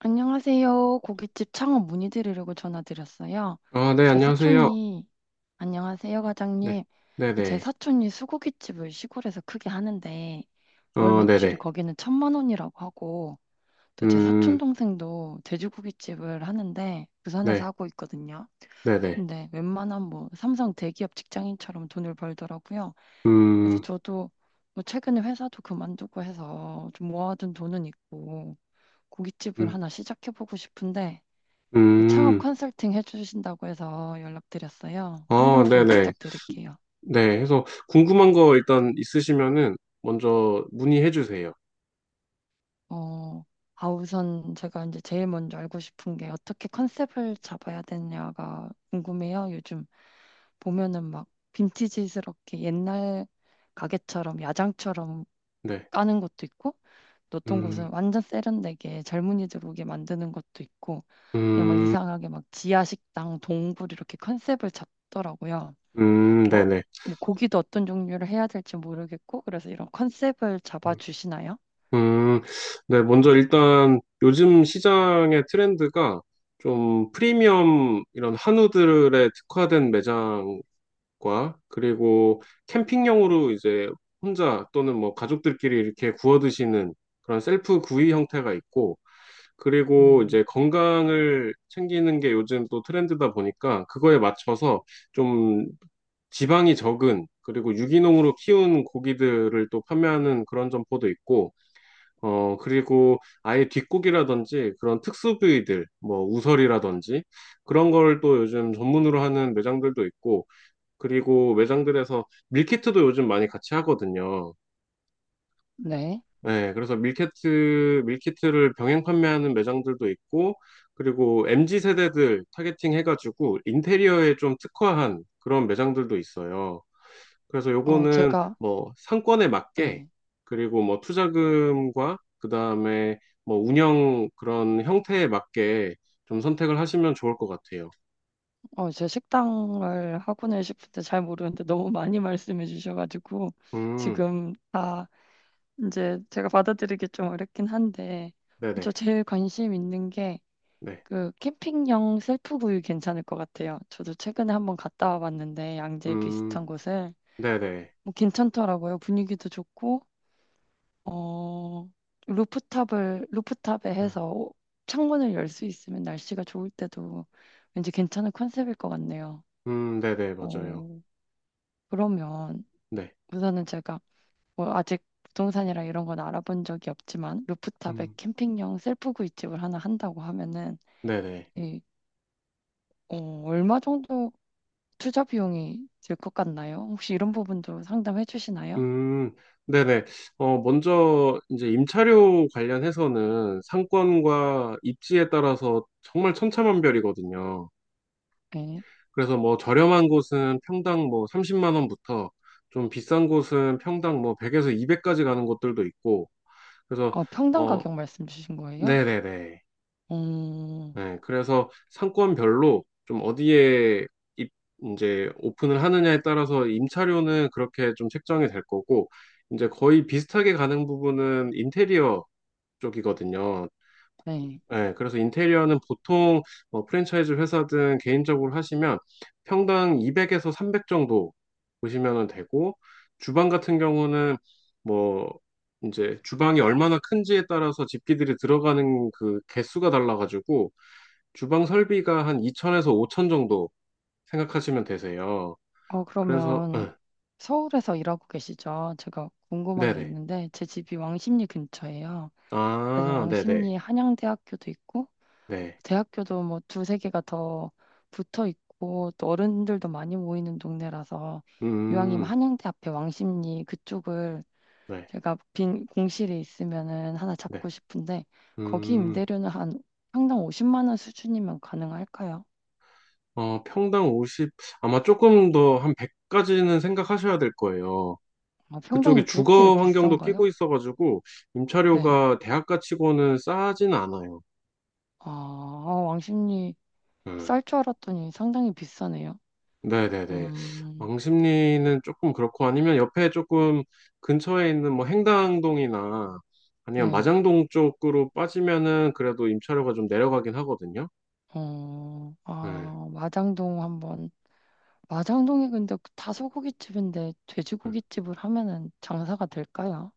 안녕하세요. 고깃집 창업 문의드리려고 전화드렸어요. 아, 네, 제 안녕하세요. 사촌이, 안녕하세요, 네, 과장님. 제 네네. 사촌이 수고깃집을 시골에서 크게 하는데, 월 어, 매출이 네네. 거기는 천만 원이라고 하고, 또 제 사촌 음, 동생도 돼지고깃집을 하는데, 부산에서 네, 하고 있거든요. 네네. 근데 웬만한 뭐 삼성 대기업 직장인처럼 돈을 벌더라고요. 그래서 음, 저도 뭐 최근에 회사도 그만두고 해서 좀 모아둔 돈은 있고, 고깃집을 음, 하나 시작해보고 싶은데, 그 창업 음. 컨설팅 해주신다고 해서 연락드렸어요. 아, 상담 좀 네네. 부탁드릴게요. 네, 해서 궁금한 거 일단 있으시면은 먼저 문의해 주세요. 어, 아, 우선 제가 이제 제일 먼저 알고 싶은 게 어떻게 컨셉을 잡아야 되냐가 궁금해요. 요즘 보면은 막 빈티지스럽게 옛날 가게처럼 야장처럼 네, 까는 것도 있고, 또 어떤 곳은 음, 완전 세련되게 젊은이들 오게 만드는 것도 있고, 그냥 막 음, 이상하게 막 지하 식당, 동굴 이렇게 컨셉을 잡더라고요. 거, 네네. 뭐 고기도 어떤 종류를 해야 될지 모르겠고, 그래서 이런 컨셉을 잡아주시나요? 음, 네, 먼저 일단 요즘 시장의 트렌드가 좀 프리미엄 이런 한우들에 특화된 매장 과 그리고 캠핑용으로 이제 혼자 또는 뭐 가족들끼리 이렇게 구워 드시는 그런 셀프 구이 형태가 있고, 그리고 음, 이제 건강을 챙기는 게 요즘 또 트렌드다 보니까 그거에 맞춰서 좀 지방이 적은 그리고 유기농으로 키운 고기들을 또 판매하는 그런 점포도 있고, 그리고 아예 뒷고기라든지 그런 특수 부위들, 뭐 우설이라든지 그런 걸 또 요즘 전문으로 하는 매장들도 있고, 그리고 매장들에서 밀키트도 요즘 많이 같이 하거든요. 네. 네, 그래서 밀키트를 병행 판매하는 매장들도 있고, 그리고 MZ 세대들 타겟팅 해가지고 인테리어에 좀 특화한 그런 매장들도 있어요. 그래서 어, 요거는 뭐 상권에 맞게, 예. 그리고 뭐 투자금과 그 다음에 뭐 운영 그런 형태에 맞게 좀 선택을 하시면 좋을 것 같아요. 어, 제 식당을 하고는 싶은데 잘 모르는데 너무 많이 말씀해 주셔가지고, 음, 지금 다 이제 제가 받아들이기 좀 어렵긴 한데, 저 네네, 제일 관심 있는 게, 네, 그 캠핑용 셀프구이 괜찮을 것 같아요. 저도 최근에 한번 갔다 와봤는데 양재 음, 비슷한 곳을 네네. 뭐 괜찮더라고요. 분위기도 좋고 어, 루프탑에 음. 해서 창문을 열 수 있으면 날씨가 좋을 때도 왠지 괜찮은 컨셉일 것 같네요. 네네, 맞아요. 어, 그러면 네. 우선은 제가 뭐 아직 부동산이랑 이런 건 알아본 적이 없지만 루프탑에 음, 캠핑용 셀프 구이집을 하나 한다고 하면은 네네. 이, 어, 얼마 정도 투자 비용이 들 것 같나요? 혹시 이런 부분도 상담해 주시나요? 음, 네네. 어, 먼저, 이제 임차료 관련해서는 상권과 입지에 따라서 정말 천차만별이거든요. 네. 그래서 뭐 저렴한 곳은 평당 뭐 30만 원부터 좀 비싼 곳은 평당 뭐 100에서 200까지 가는 곳들도 있고, 그래서, 평당 어, 가격 말씀 주신 거예요? 네네네. 음, 네, 그래서 상권별로 좀 어디에 입, 이제 오픈을 하느냐에 따라서 임차료는 그렇게 좀 책정이 될 거고, 이제 거의 비슷하게 가는 부분은 인테리어 쪽이거든요. 네. 네, 그래서 인테리어는 보통 뭐 프랜차이즈 회사든 개인적으로 하시면 평당 200에서 300 정도 보시면 되고, 주방 같은 경우는 뭐 이제 주방이 얼마나 큰지에 따라서 집기들이 들어가는 그 개수가 달라가지고, 주방 설비가 한 2천에서 5천 정도 생각하시면 되세요. 그래서, 그러면 응, 서울에서 일하고 계시죠? 제가 궁금한 게 네네. 있는데, 제 집이 왕십리 근처예요. 그래서 아, 네네. 왕십리에 한양대학교도 있고, 네. 대학교도 뭐 두세 개가 더 붙어 있고, 또 어른들도 많이 모이는 동네라서, 이왕이면 음, 한양대 앞에 왕십리 그쪽을 네, 제가 빈 공실이 있으면은 하나 네. 잡고 싶은데, 거기 음, 임대료는 한 평당 50만 원 수준이면 가능할까요? 어, 평당 50, 아마 조금 더 한 100까지는 생각하셔야 될 거예요. 아, 평당이 그쪽에 그렇게 주거 환경도 비싼가요? 끼고 있어가지고, 네. 임차료가 대학가 치고는 싸진 않아요. 아, 왕십리 음. 쌀 줄 알았더니 상당히 비싸네요. 네네네. 음, 왕십리는 조금 그렇고 아니면 옆에 조금 근처에 있는 뭐 행당동이나 아니면 네. 마장동 쪽으로 빠지면은 그래도 임차료가 좀 내려가긴 하거든요. 네. 아, 마장동 한번. 마장동이 근데 다 소고기집인데 네. 돼지고기집을 하면은 장사가 될까요?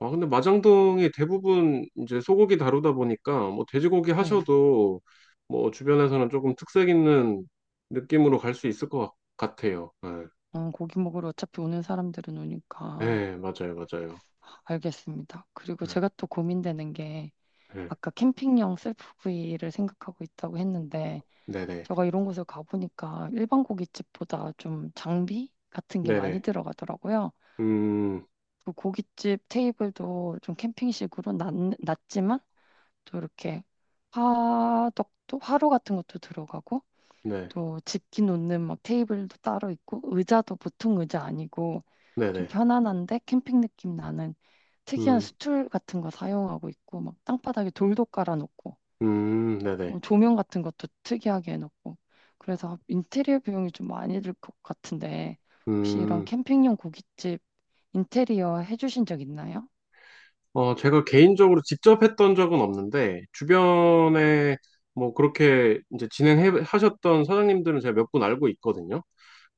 아, 근데 마장동이 대부분 이제 소고기 다루다 보니까 뭐 돼지고기 네. 하셔도 뭐 주변에서는 조금 특색 있는 느낌으로 갈 수 있을 것 같아요. 네. 고기 먹으러 어차피 오는 사람들은 오니까. 네, 맞아요, 맞아요. 알겠습니다. 그리고 네, 제가 또 고민되는 게 네, 아까 캠핑용 셀프구이를 생각하고 있다고 했는데 네네, 제가 이런 곳을 가보니까 일반 고깃집보다 좀 장비 같은 게 많이 네네, 들어가더라고요. 음, 그 고깃집 테이블도 좀 캠핑식으로 낮지만 또 이렇게 화덕도 화로 같은 것도 들어가고 네, 또 집기 놓는 막 테이블도 따로 있고 의자도 보통 의자 아니고 좀 네네. 편안한데 캠핑 느낌 나는 특이한 음. 스툴 같은 거 사용하고 있고 막 땅바닥에 돌도 깔아놓고 네네. 조명 같은 것도 특이하게 해놓고 그래서 인테리어 비용이 좀 많이 들 것 같은데 혹시 이런 음, 캠핑용 고깃집 인테리어 해주신 적 있나요? 어, 제가 개인적으로 직접 했던 적은 없는데, 주변에 뭐 그렇게 이제 진행해 하셨던 사장님들은 제가 몇 분 알고 있거든요.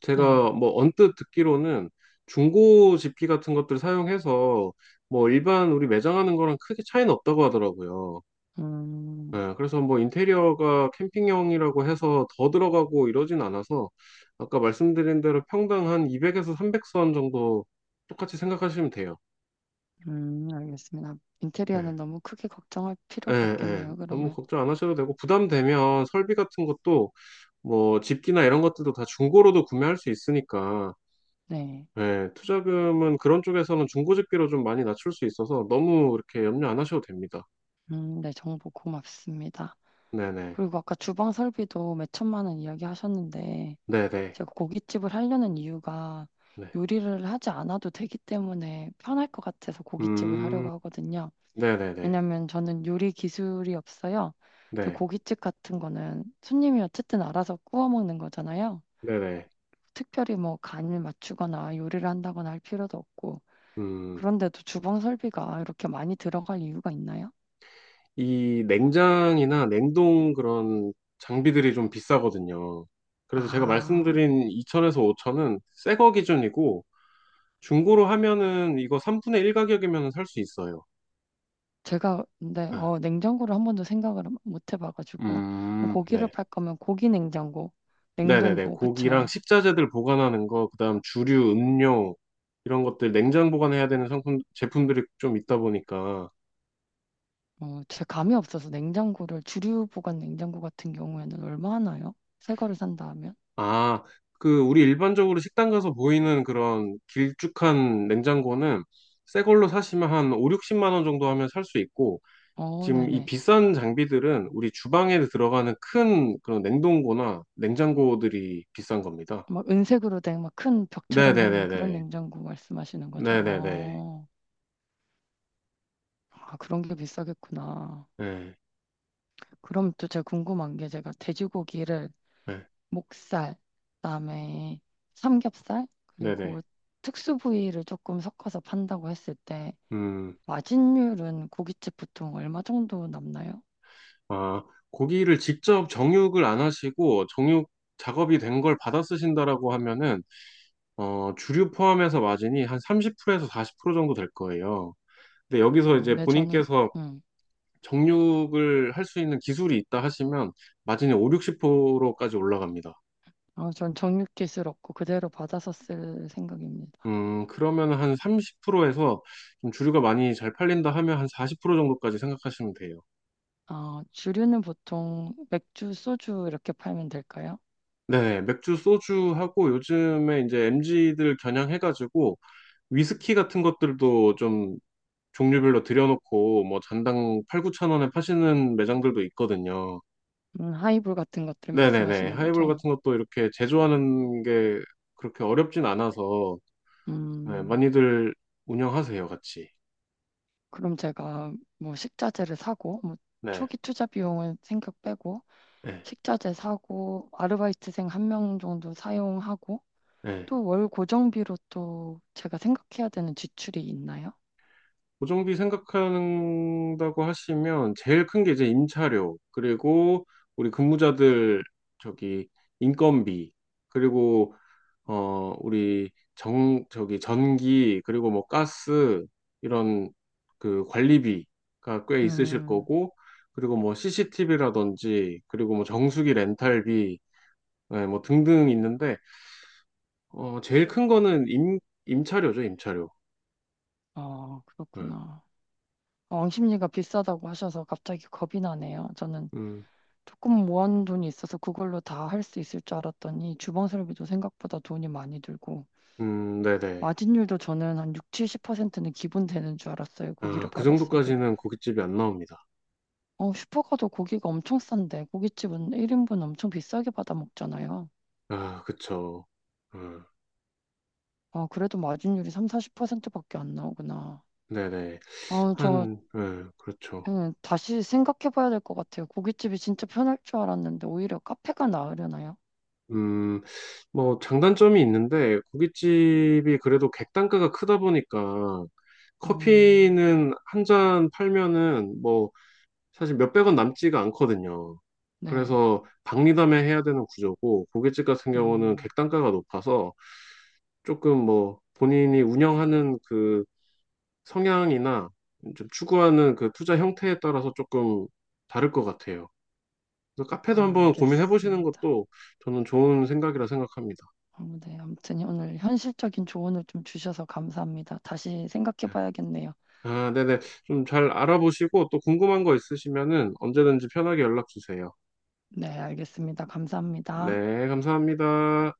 제가 네. 뭐 언뜻 듣기로는 중고 집기 같은 것들 사용해서 뭐 일반 우리 매장하는 거랑 크게 차이는 없다고 하더라고요. 음, 예, 그래서 뭐 인테리어가 캠핑형이라고 해서 더 들어가고 이러진 않아서 아까 말씀드린 대로 평당 한 200에서 300선 정도 똑같이 생각하시면 돼요. 알겠습니다. 예. 인테리어는 너무 크게 걱정할 예, 필요가 예. 없겠네요, 너무 그러면. 걱정 안 하셔도 되고, 부담되면 설비 같은 것도, 뭐, 집기나 이런 것들도 다 중고로도 구매할 수 있으니까, 네. 예, 투자금은 그런 쪽에서는 중고 집기로 좀 많이 낮출 수 있어서 너무 이렇게 염려 안 하셔도 됩니다. 네, 정보 고맙습니다. 네네. 그리고 아까 주방 설비도 몇 천만 원 이야기 하셨는데, 네네. 제가 고깃집을 하려는 이유가 네. 요리를 하지 않아도 되기 때문에 편할 것 같아서 고깃집을 음, 하려고 하거든요. 네네네. 왜냐면 저는 요리 기술이 없어요. 또 네. 고깃집 같은 거는 손님이 어쨌든 알아서 구워 먹는 거잖아요. 네네. 특별히 뭐 간을 맞추거나 요리를 한다거나 할 필요도 없고, 음, 그런데도 주방 설비가 이렇게 많이 들어갈 이유가 있나요? 이 냉장이나 냉동 그런 장비들이 좀 비싸거든요. 그래서 제가 아, 말씀드린 네천에서네천은 새거 기준이고, 중고로 하면은 이거 3분의 1 가격이면 살 수 있어요. 제가 근데 네. 냉장고를 한 번도 생각을 못 해봐가지고 뭐 고기를 네. 팔 거면 고기 냉장고, 네네네. 냉동고, 고기랑 그쵸? 식자재들 보관하는 거, 그다음 주류, 음료, 이런 것들 냉장 보관해야 되는 상품, 제품들이 좀 있다 보니까. 제 감이 없어서 냉장고를 주류 보관 냉장고 같은 경우에는 얼마 하나요? 새 거를 산다 하면? 아, 그, 우리 일반적으로 식당 가서 보이는 그런 길쭉한 냉장고는 새 걸로 사시면 한 5, 60만 원 정도 하면 살 수 있고, 지금 이 네네. 비싼 장비들은 우리 주방에 들어가는 큰 그런 냉동고나 냉장고들이 비싼 겁니다. 막 은색으로 된 막 큰 벽처럼 생긴 그런 네네네네. 냉장고 말씀하시는 거죠? 네네네. 아, 그런 게 비싸겠구나. 네. 그럼 또 제가 궁금한 게 제가 돼지고기를 네. 목살, 그다음에 삼겹살, 네네. 그리고 특수 부위를 조금 섞어서 판다고 했을 때 음, 마진율은 고깃집 보통 얼마 정도 남나요? 아, 고기를 직접 정육을 안 하시고 정육 작업이 된 걸 받아 쓰신다라고 하면은, 어, 주류 포함해서 마진이 한 30%에서 40% 정도 될 거예요. 근데 여기서 아, 이제 네, 본인께서 음, 정육을 할 수 있는 기술이 있다 하시면 마진이 5, 60%까지 올라갑니다. 전 정육기술 없고 그대로 받아서 쓸 생각입니다. 그러면 한 30%에서 좀 주류가 많이 잘 팔린다 하면 한 40% 정도까지 생각하시면 돼요. 아, 주류는 보통 맥주, 소주 이렇게 팔면 될까요? 네, 맥주, 소주하고 요즘에 이제 m 지들 겨냥해가지고 위스키 같은 것들도 좀 종류별로 들여놓고 뭐 잔당 8, 9천 원에 파시는 매장들도 있거든요. 하이볼 같은 것들 네네네. 말씀하시는 하이볼 거죠? 같은 것도 이렇게 제조하는 게 그렇게 어렵진 않아서 네, 음, 많이들 운영하세요, 같이. 그럼 제가 뭐 식자재를 사고 뭐 네. 초기 투자 비용은 생각 빼고 네. 식자재 사고 아르바이트생 한 명 정도 사용하고 네. 또 월 고정비로 또 제가 생각해야 되는 지출이 있나요? 고정비 생각한다고 하시면 제일 큰 게 이제 임차료, 그리고 우리 근무자들 저기 인건비, 그리고 우리 정 저기 전기, 그리고 뭐 가스 이런 그 관리비가 꽤 있으실 음, 거고, 그리고 뭐 CCTV라든지, 그리고 뭐 정수기 렌탈비, 네, 뭐 등등 있는데 제일 큰 거는 임 임차료죠, 임차료. 아, 네. 그렇구나. 아, 옹심리가 비싸다고 하셔서 갑자기 겁이 나네요. 저는 음, 조금 모아놓은 돈이 있어서 그걸로 다 할 수 있을 줄 알았더니 주방설비도 생각보다 돈이 많이 들고 네네. 마진율도 저는 한 6, 70%는 기본 되는 줄 알았어요. 고기를 아, 그 받았어도. 정도까지는 고깃집이 안 나옵니다. 슈퍼 가도 고기가 엄청 싼데 고깃집은 1인분 엄청 비싸게 받아 먹잖아요. 아, 그쵸. 음, 아, 그래도 마진율이 3, 40%밖에 안 나오구나. 네네. 아, 저 한, 그렇죠. 그냥 다시 생각해 봐야 될 것 같아요. 고깃집이 진짜 편할 줄 알았는데 오히려 카페가 나으려나요? 음, 뭐, 장단점이 있는데, 고깃집이 그래도 객단가가 크다 보니까, 음, 커피는 한 잔 팔면은, 뭐, 사실 몇백 원 남지가 않거든요. 네. 그래서, 박리담에 해야 되는 구조고, 고깃집 같은 경우는 음, 객단가가 높아서, 조금 뭐, 본인이 운영하는 그 성향이나 좀 추구하는 그 투자 형태에 따라서 조금 다를 것 같아요. 그래서 카페도 아, 한번 고민해 보시는 알겠습니다. 것도 저는 좋은 생각이라 생각합니다. 아, 네, 아무튼 오늘 현실적인 조언을 좀 주셔서 감사합니다. 다시 생각해 네. 봐야겠네요. 아, 네네. 좀 잘 알아보시고 또 궁금한 거 있으시면은 언제든지 편하게 연락 주세요. 네, 알겠습니다. 감사합니다. 네, 감사합니다.